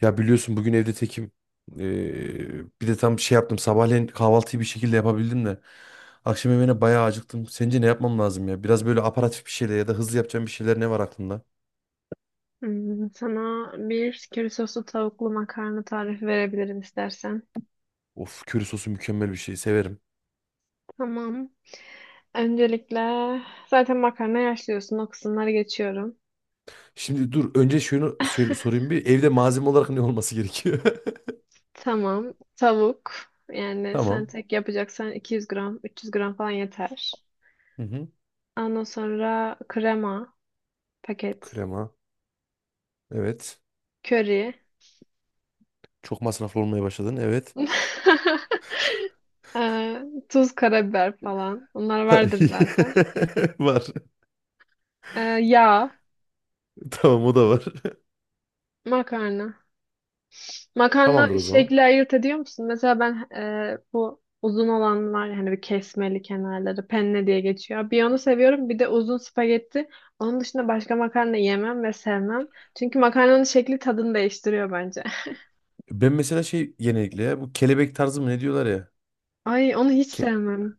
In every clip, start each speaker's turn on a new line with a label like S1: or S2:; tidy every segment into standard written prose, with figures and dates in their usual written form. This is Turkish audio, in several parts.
S1: Ya biliyorsun bugün evde tekim. Bir de tam şey yaptım. Sabahleyin kahvaltıyı bir şekilde yapabildim de. Akşam yemeğine bayağı acıktım. Sence ne yapmam lazım ya? Biraz böyle aparatif bir şeyler ya da hızlı yapacağım bir şeyler ne var aklında?
S2: Sana bir köri soslu tavuklu makarna tarifi verebilirim istersen.
S1: Of, köri sosu mükemmel bir şey. Severim.
S2: Tamam. Öncelikle zaten makarna yaşlıyorsun. O kısımları geçiyorum.
S1: Şimdi dur önce şunu söyle, sorayım bir. Evde malzeme olarak ne olması gerekiyor?
S2: Tamam. Tavuk. Yani sen
S1: Tamam.
S2: tek yapacaksan 200 gram, 300 gram falan yeter.
S1: Hı hı.
S2: Ondan sonra krema paket.
S1: Krema. Evet.
S2: Köri.
S1: Çok masraflı olmaya başladın. Evet.
S2: Ee, tuz, karabiber falan. Bunlar vardır zaten.
S1: Var.
S2: Yağ,
S1: Tamam, o da var.
S2: makarna.
S1: Tamamdır
S2: Makarna
S1: o zaman.
S2: şekli ayırt ediyor musun? Mesela ben bu uzun olan var ya, hani bir kesmeli kenarları penne diye geçiyor. Bir onu seviyorum bir de uzun spagetti. Onun dışında başka makarna yemem ve sevmem. Çünkü makarnanın şekli tadını değiştiriyor bence.
S1: Ben mesela şey, genellikle ya bu kelebek tarzı mı ne diyorlar ya.
S2: Ay onu hiç
S1: Ke-
S2: sevmem.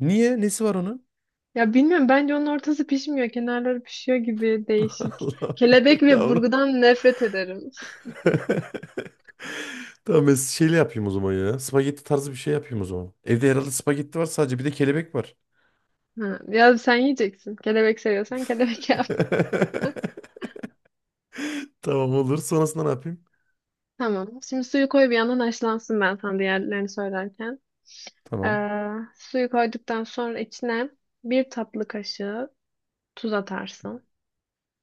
S1: Niye? Nesi var onun?
S2: Ya bilmiyorum bence onun ortası pişmiyor. Kenarları pişiyor gibi değişik.
S1: Allah'ım
S2: Kelebek
S1: ya
S2: ve
S1: onu.
S2: burgudan nefret ederim.
S1: Tamam, ben şeyle yapayım o zaman ya. Spagetti tarzı bir şey yapayım o zaman. Evde herhalde spagetti var sadece, bir de kelebek var.
S2: Ha, ya sen yiyeceksin. Kelebek seviyorsan kelebek yap.
S1: Tamam, olur. Sonrasında ne yapayım?
S2: Tamam. Şimdi suyu koy bir yandan haşlansın ben sana diğerlerini söylerken.
S1: Tamam.
S2: Suyu koyduktan sonra içine bir tatlı kaşığı tuz atarsın.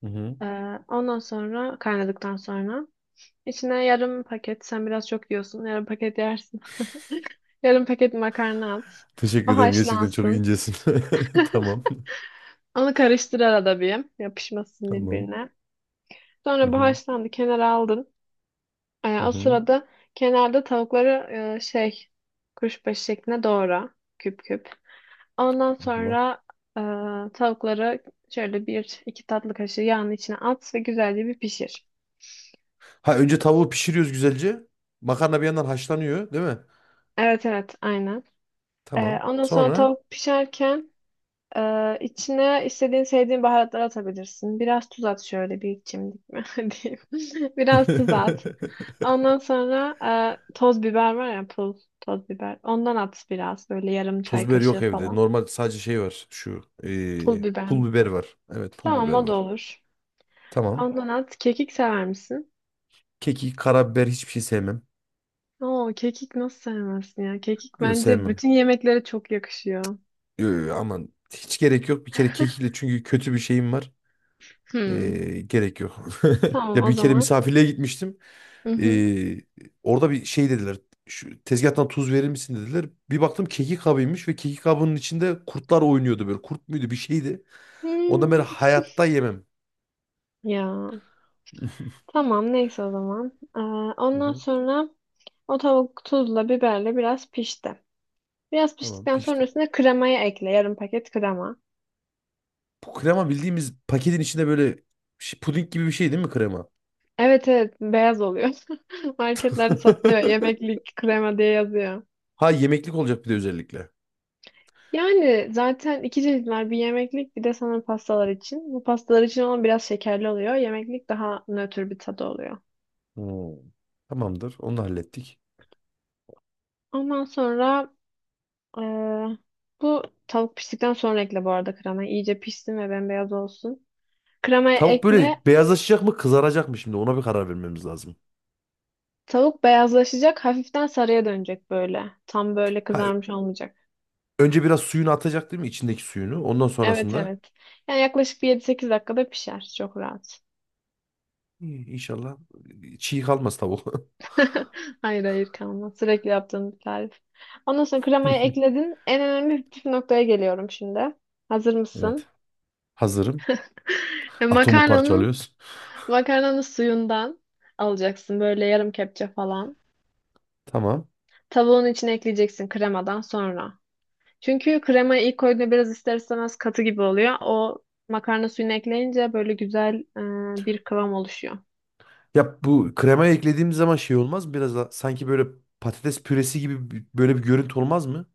S1: Hı-hı.
S2: Ee, ondan sonra kaynadıktan sonra içine yarım paket sen biraz çok yiyorsun yarım paket yersin. Yarım paket makarna at.
S1: Teşekkür
S2: O
S1: ederim. Gerçekten çok
S2: haşlansın.
S1: incesin. Tamam.
S2: Onu karıştır arada bir. Yapışmasın
S1: Tamam.
S2: birbirine. Sonra bu
S1: Hı-hı.
S2: haşlandı. Kenara aldın. O
S1: Hı-hı.
S2: sırada kenarda tavukları e, şey kuşbaşı şeklinde doğra. Küp küp. Ondan
S1: Allah.
S2: sonra tavukları şöyle bir iki tatlı kaşığı yağın içine at ve güzelce bir pişir.
S1: Ha, önce tavuğu pişiriyoruz güzelce. Makarna bir yandan haşlanıyor, değil mi?
S2: Evet evet aynen.
S1: Tamam.
S2: Ondan sonra
S1: Sonra
S2: tavuk pişerken içine istediğin sevdiğin baharatları atabilirsin. Biraz tuz at şöyle bir çimdik mi diyeyim. Biraz tuz at. Ondan sonra toz biber var ya pul toz biber. Ondan at biraz böyle yarım
S1: toz
S2: çay
S1: biber yok
S2: kaşığı
S1: evde.
S2: falan.
S1: Normal sadece şey var. Şu
S2: Pul biber mi?
S1: pul biber var. Evet, pul
S2: Tamam
S1: biber
S2: o da
S1: var.
S2: olur.
S1: Tamam.
S2: Ondan at. Kekik sever misin?
S1: Kekik, karabiber hiçbir şey sevmem.
S2: Oo, kekik nasıl sevmezsin ya? Kekik
S1: Yok,
S2: bence
S1: sevmem.
S2: bütün yemeklere çok yakışıyor.
S1: Yo, yo, aman hiç gerek yok. Bir kere kekikle çünkü kötü bir şeyim var.
S2: Hmm.
S1: Gerek yok.
S2: Tamam
S1: Ya
S2: o
S1: bir kere
S2: zaman.
S1: misafirliğe gitmiştim.
S2: Hı hı.
S1: Eee, Orada bir şey dediler. Şu tezgahtan tuz verir misin dediler. Bir baktım kekik kabıymış ve kekik kabının içinde kurtlar oynuyordu böyle. Kurt muydu bir şeydi. Ondan beri
S2: Hmm,
S1: hayatta yemem.
S2: Ya tamam neyse o zaman.
S1: Hı
S2: Ondan
S1: hı.
S2: sonra o tavuk tuzla biberle biraz pişti. Biraz
S1: Tamam,
S2: piştikten sonra
S1: pişti.
S2: üstüne kremayı ekle. Yarım paket krema.
S1: Bu krema bildiğimiz paketin içinde böyle puding gibi bir şey değil mi krema?
S2: Evet evet beyaz oluyor. Marketlerde satılıyor. Yemeklik krema diye yazıyor.
S1: Ha, yemeklik olacak bir de özellikle.
S2: Yani zaten iki çeşitler bir yemeklik bir de sanırım pastalar için. Bu pastalar için olan biraz şekerli oluyor. Yemeklik daha nötr bir tadı oluyor.
S1: Hmm. Tamamdır. Onu da hallettik.
S2: Ondan sonra eee, bu tavuk piştikten sonra ekle bu arada kremayı. İyice pişsin ve bembeyaz olsun. Kremayı
S1: Tavuk
S2: ekle.
S1: böyle beyazlaşacak mı kızaracak mı, şimdi ona bir karar vermemiz lazım.
S2: Tavuk beyazlaşacak. Hafiften sarıya dönecek böyle. Tam böyle
S1: Ha,
S2: kızarmış olmayacak.
S1: önce biraz suyunu atacak değil mi, içindeki suyunu? Ondan
S2: Evet
S1: sonrasında
S2: evet. Yani yaklaşık bir 7-8 dakikada pişer. Çok rahat.
S1: İyi, inşallah çiğ kalmaz tavuk.
S2: Hayır hayır kalmaz. Sürekli yaptığım bir tarif. Ondan sonra kremayı ekledin. En önemli püf noktaya geliyorum şimdi. Hazır
S1: Evet.
S2: mısın?
S1: Hazırım.
S2: E,
S1: Atomu
S2: Makarnanın
S1: parçalıyoruz.
S2: makarnanın suyundan alacaksın böyle yarım kepçe falan.
S1: Tamam.
S2: Tavuğun içine ekleyeceksin kremadan sonra. Çünkü kremayı ilk koyduğunda biraz ister istemez katı gibi oluyor. O makarna suyunu ekleyince böyle güzel bir kıvam oluşuyor.
S1: Ya bu kremaya eklediğimiz zaman şey olmaz mı? Biraz da sanki böyle patates püresi gibi bir, böyle bir görüntü olmaz mı?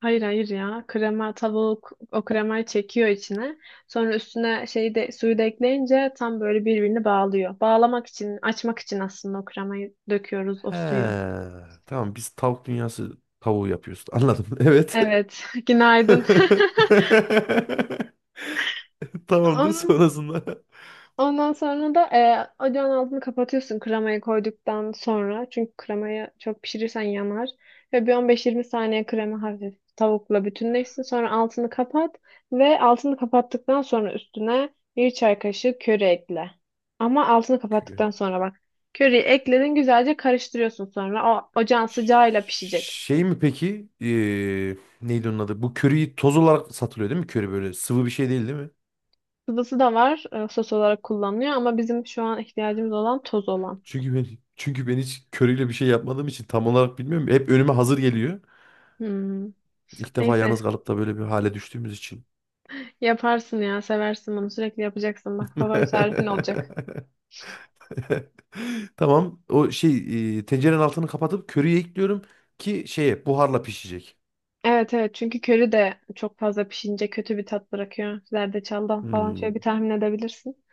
S2: Hayır hayır ya. Krema tavuk o kremayı çekiyor içine. Sonra üstüne şeyi de suyu da ekleyince tam böyle birbirini bağlıyor. Bağlamak için, açmak için aslında o kremayı döküyoruz o
S1: He,
S2: suyu.
S1: tamam, biz tavuk dünyası tavuğu yapıyoruz. Anladım. Evet.
S2: Evet, günaydın.
S1: Tamamdır
S2: Onun
S1: sonrasında.
S2: Ondan sonra da ocağın altını kapatıyorsun kremayı koyduktan sonra. Çünkü kremayı çok pişirirsen yanar. Ve bir 15-20 saniye krema hafif tavukla bütünleşsin. Sonra altını kapat ve altını kapattıktan sonra üstüne bir çay kaşığı köri ekle. Ama altını
S1: Kü-
S2: kapattıktan sonra bak. Köriyi ekledin güzelce karıştırıyorsun sonra. O ocağın sıcağıyla pişecek.
S1: Şey mi peki? Neydi onun adı? Bu köriyi toz olarak satılıyor değil mi? Köri böyle sıvı bir şey değil, değil mi?
S2: Sıvısı da var sos olarak kullanılıyor ama bizim şu an ihtiyacımız olan toz olan.
S1: Çünkü ben çünkü ben hiç köriyle bir şey yapmadığım için tam olarak bilmiyorum. Hep önüme hazır geliyor.
S2: Hmm.
S1: İlk defa
S2: Neyse
S1: yalnız kalıp da böyle bir hale düştüğümüz için.
S2: yaparsın ya, seversin bunu. Sürekli yapacaksın. Bak favori tarifin olacak.
S1: Tamam. O şey, tencerenin altını kapatıp köriyi ekliyorum ki şeye buharla pişecek.
S2: Evet evet çünkü köri de çok fazla pişince kötü bir tat bırakıyor. Zerdeçaldan falan
S1: Hmm.
S2: şöyle bir tahmin edebilirsin.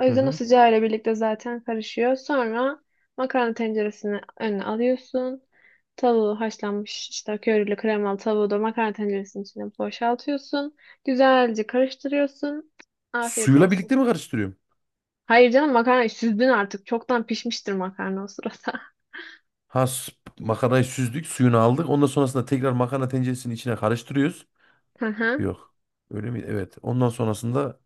S2: O
S1: Hı
S2: yüzden o
S1: hı.
S2: sıcağı ile birlikte zaten karışıyor. Sonra makarna tenceresini önüne alıyorsun. Tavuğu haşlanmış işte körili kremalı tavuğu da makarna tenceresinin içine boşaltıyorsun. Güzelce karıştırıyorsun. Afiyet
S1: Suyla
S2: olsun.
S1: birlikte mi karıştırıyorum?
S2: Hayır canım makarna süzdün artık. Çoktan pişmiştir makarna o sırada.
S1: Ha, makarnayı süzdük, suyunu aldık. Ondan sonrasında tekrar makarna tenceresinin içine karıştırıyoruz.
S2: Hı hı.
S1: Yok. Öyle mi? Evet. Ondan sonrasında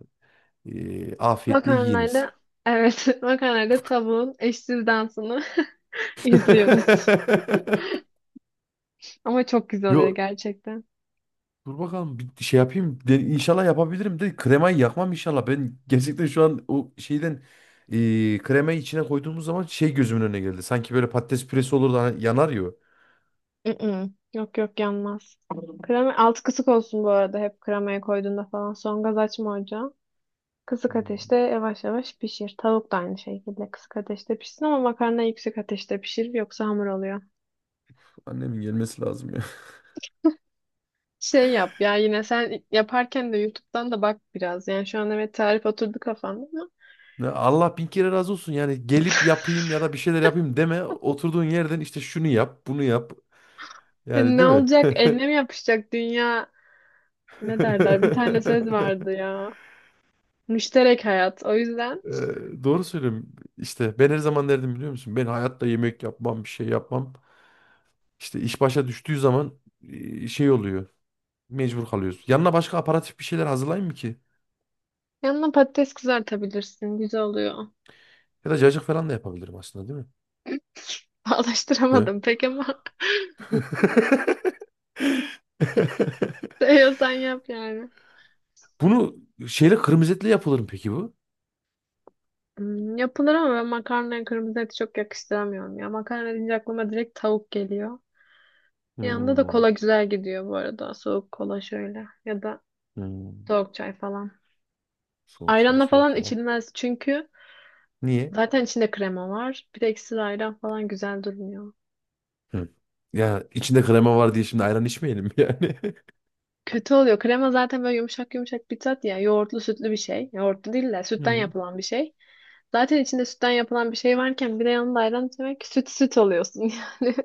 S1: afiyetle yiyiniz.
S2: Makarnayla evet makarnayla tavuğun eşsiz dansını izliyoruz. Ama çok güzel oluyor
S1: Yo,
S2: gerçekten.
S1: dur bakalım bir şey yapayım. De, inşallah yapabilirim de kremayı yakmam inşallah. Ben gerçekten şu an o şeyden kremayı içine koyduğumuz zaman şey gözümün önüne geldi. Sanki böyle patates püresi olur da hani yanar ya. O.
S2: Mm-mm. Yok yok yanmaz. Krema alt kısık olsun bu arada hep kremaya koyduğunda falan. Son gaz açma ocağı. Kısık
S1: Hmm,
S2: ateşte yavaş yavaş pişir. Tavuk da aynı şekilde kısık ateşte pişsin ama makarna yüksek ateşte pişir yoksa hamur oluyor.
S1: annemin gelmesi lazım ya.
S2: Şey yap ya yine sen yaparken de YouTube'dan da bak biraz. Yani şu an evet tarif oturdu kafanda ama
S1: Ne, Allah bin kere razı olsun, yani gelip yapayım ya da bir şeyler yapayım deme. Oturduğun yerden işte şunu yap, bunu yap.
S2: hani
S1: Yani,
S2: ne
S1: değil mi?
S2: olacak? Eline mi yapışacak dünya? Ne derler? Bir tane söz vardı ya. Müşterek hayat. O yüzden
S1: Doğru söylüyorum. İşte ben her zaman derdim, biliyor musun? Ben hayatta yemek yapmam, bir şey yapmam. İşte iş başa düştüğü zaman şey oluyor. Mecbur kalıyoruz. Yanına başka aparatif bir şeyler hazırlayayım mı ki?
S2: yanına patates kızartabilirsin. Güzel oluyor.
S1: Ya da cacık falan da yapabilirim aslında, değil mi? Böyle.
S2: Bağlaştıramadım pek ama seviyorsan yap yani.
S1: Bunu şeyle, kırmızı etle yapılır mı peki bu?
S2: Yapılır ama ben makarnaya kırmızı eti çok yakıştıramıyorum ya. Makarna deyince aklıma direkt tavuk geliyor. Yanında da
S1: Hmm,
S2: kola güzel gidiyor bu arada. Soğuk kola şöyle. Ya da
S1: hmm.
S2: soğuk çay falan.
S1: Soğuk çay,
S2: Ayranla
S1: soğuk
S2: falan
S1: kola.
S2: içilmez çünkü
S1: Niye?
S2: zaten içinde krema var. Bir de ekşili ayran falan güzel durmuyor.
S1: Hı. Ya içinde krema var diye şimdi ayran içmeyelim yani.
S2: Kötü oluyor. Krema zaten böyle yumuşak yumuşak bir tat ya. Yoğurtlu sütlü bir şey. Yoğurtlu değil de sütten
S1: Hı.
S2: yapılan bir şey. Zaten içinde sütten yapılan bir şey varken bir de yanında ayran içmek süt süt oluyorsun yani.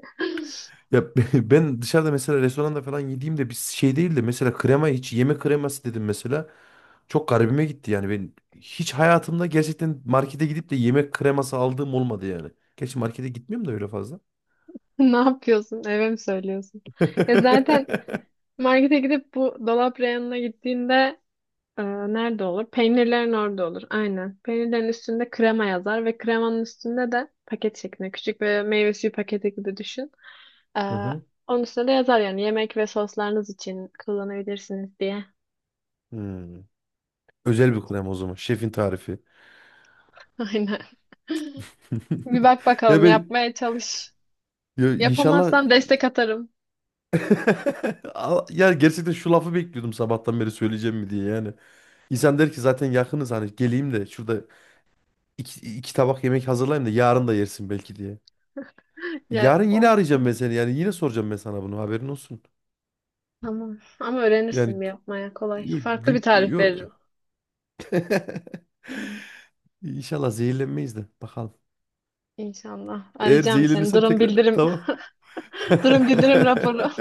S1: Ya ben dışarıda mesela restoranda falan yediğimde bir şey değil de mesela krema, hiç yeme kreması dedim mesela. Çok garibime gitti yani. Ben hiç hayatımda gerçekten markete gidip de yemek kreması aldığım olmadı yani. Gerçi markete gitmiyorum da öyle fazla.
S2: Ne yapıyorsun? Eve mi söylüyorsun? Ya zaten markete gidip bu dolap reyonuna gittiğinde Ee, nerede olur? Peynirlerin orada olur. Aynen. Peynirlerin üstünde krema yazar ve kremanın üstünde de paket şeklinde küçük ve meyve suyu paketi gibi düşün. Ee,
S1: Hı hı.
S2: onun üstünde de yazar yani yemek ve soslarınız için kullanabilirsiniz diye.
S1: Hmm. Özel bir krema o zaman. Şefin tarifi.
S2: Aynen. Bir bak
S1: Ya
S2: bakalım
S1: ben
S2: yapmaya çalış.
S1: ya inşallah.
S2: Yapamazsan destek atarım.
S1: Ya gerçekten şu lafı bekliyordum sabahtan beri, söyleyeceğim mi diye yani. İnsan der ki zaten yakınız, hani geleyim de şurada iki tabak yemek hazırlayayım da yarın da yersin belki diye.
S2: Ya
S1: Yarın yine arayacağım ben
S2: olsun.
S1: seni, yani yine soracağım ben sana bunu, haberin olsun.
S2: Tamam. Ama öğrenirsin
S1: Yani,
S2: bir yapmaya kolay.
S1: yok
S2: Farklı bir
S1: gün
S2: tarif veririm.
S1: yok. İnşallah zehirlenmeyiz de bakalım.
S2: İnşallah.
S1: Eğer
S2: Arayacağım seni.
S1: zehirlenirsem
S2: Durum
S1: tekrar
S2: bildirim.
S1: tamam.
S2: Durum bildirim raporu.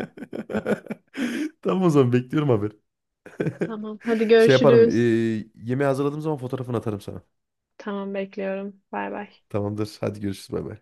S1: Tamam o zaman, bekliyorum haber.
S2: Tamam. Hadi
S1: Şey yaparım.
S2: görüşürüz.
S1: Yemeği hazırladığım zaman fotoğrafını atarım sana.
S2: Tamam bekliyorum. Bay bay.
S1: Tamamdır. Hadi görüşürüz. Bay bay.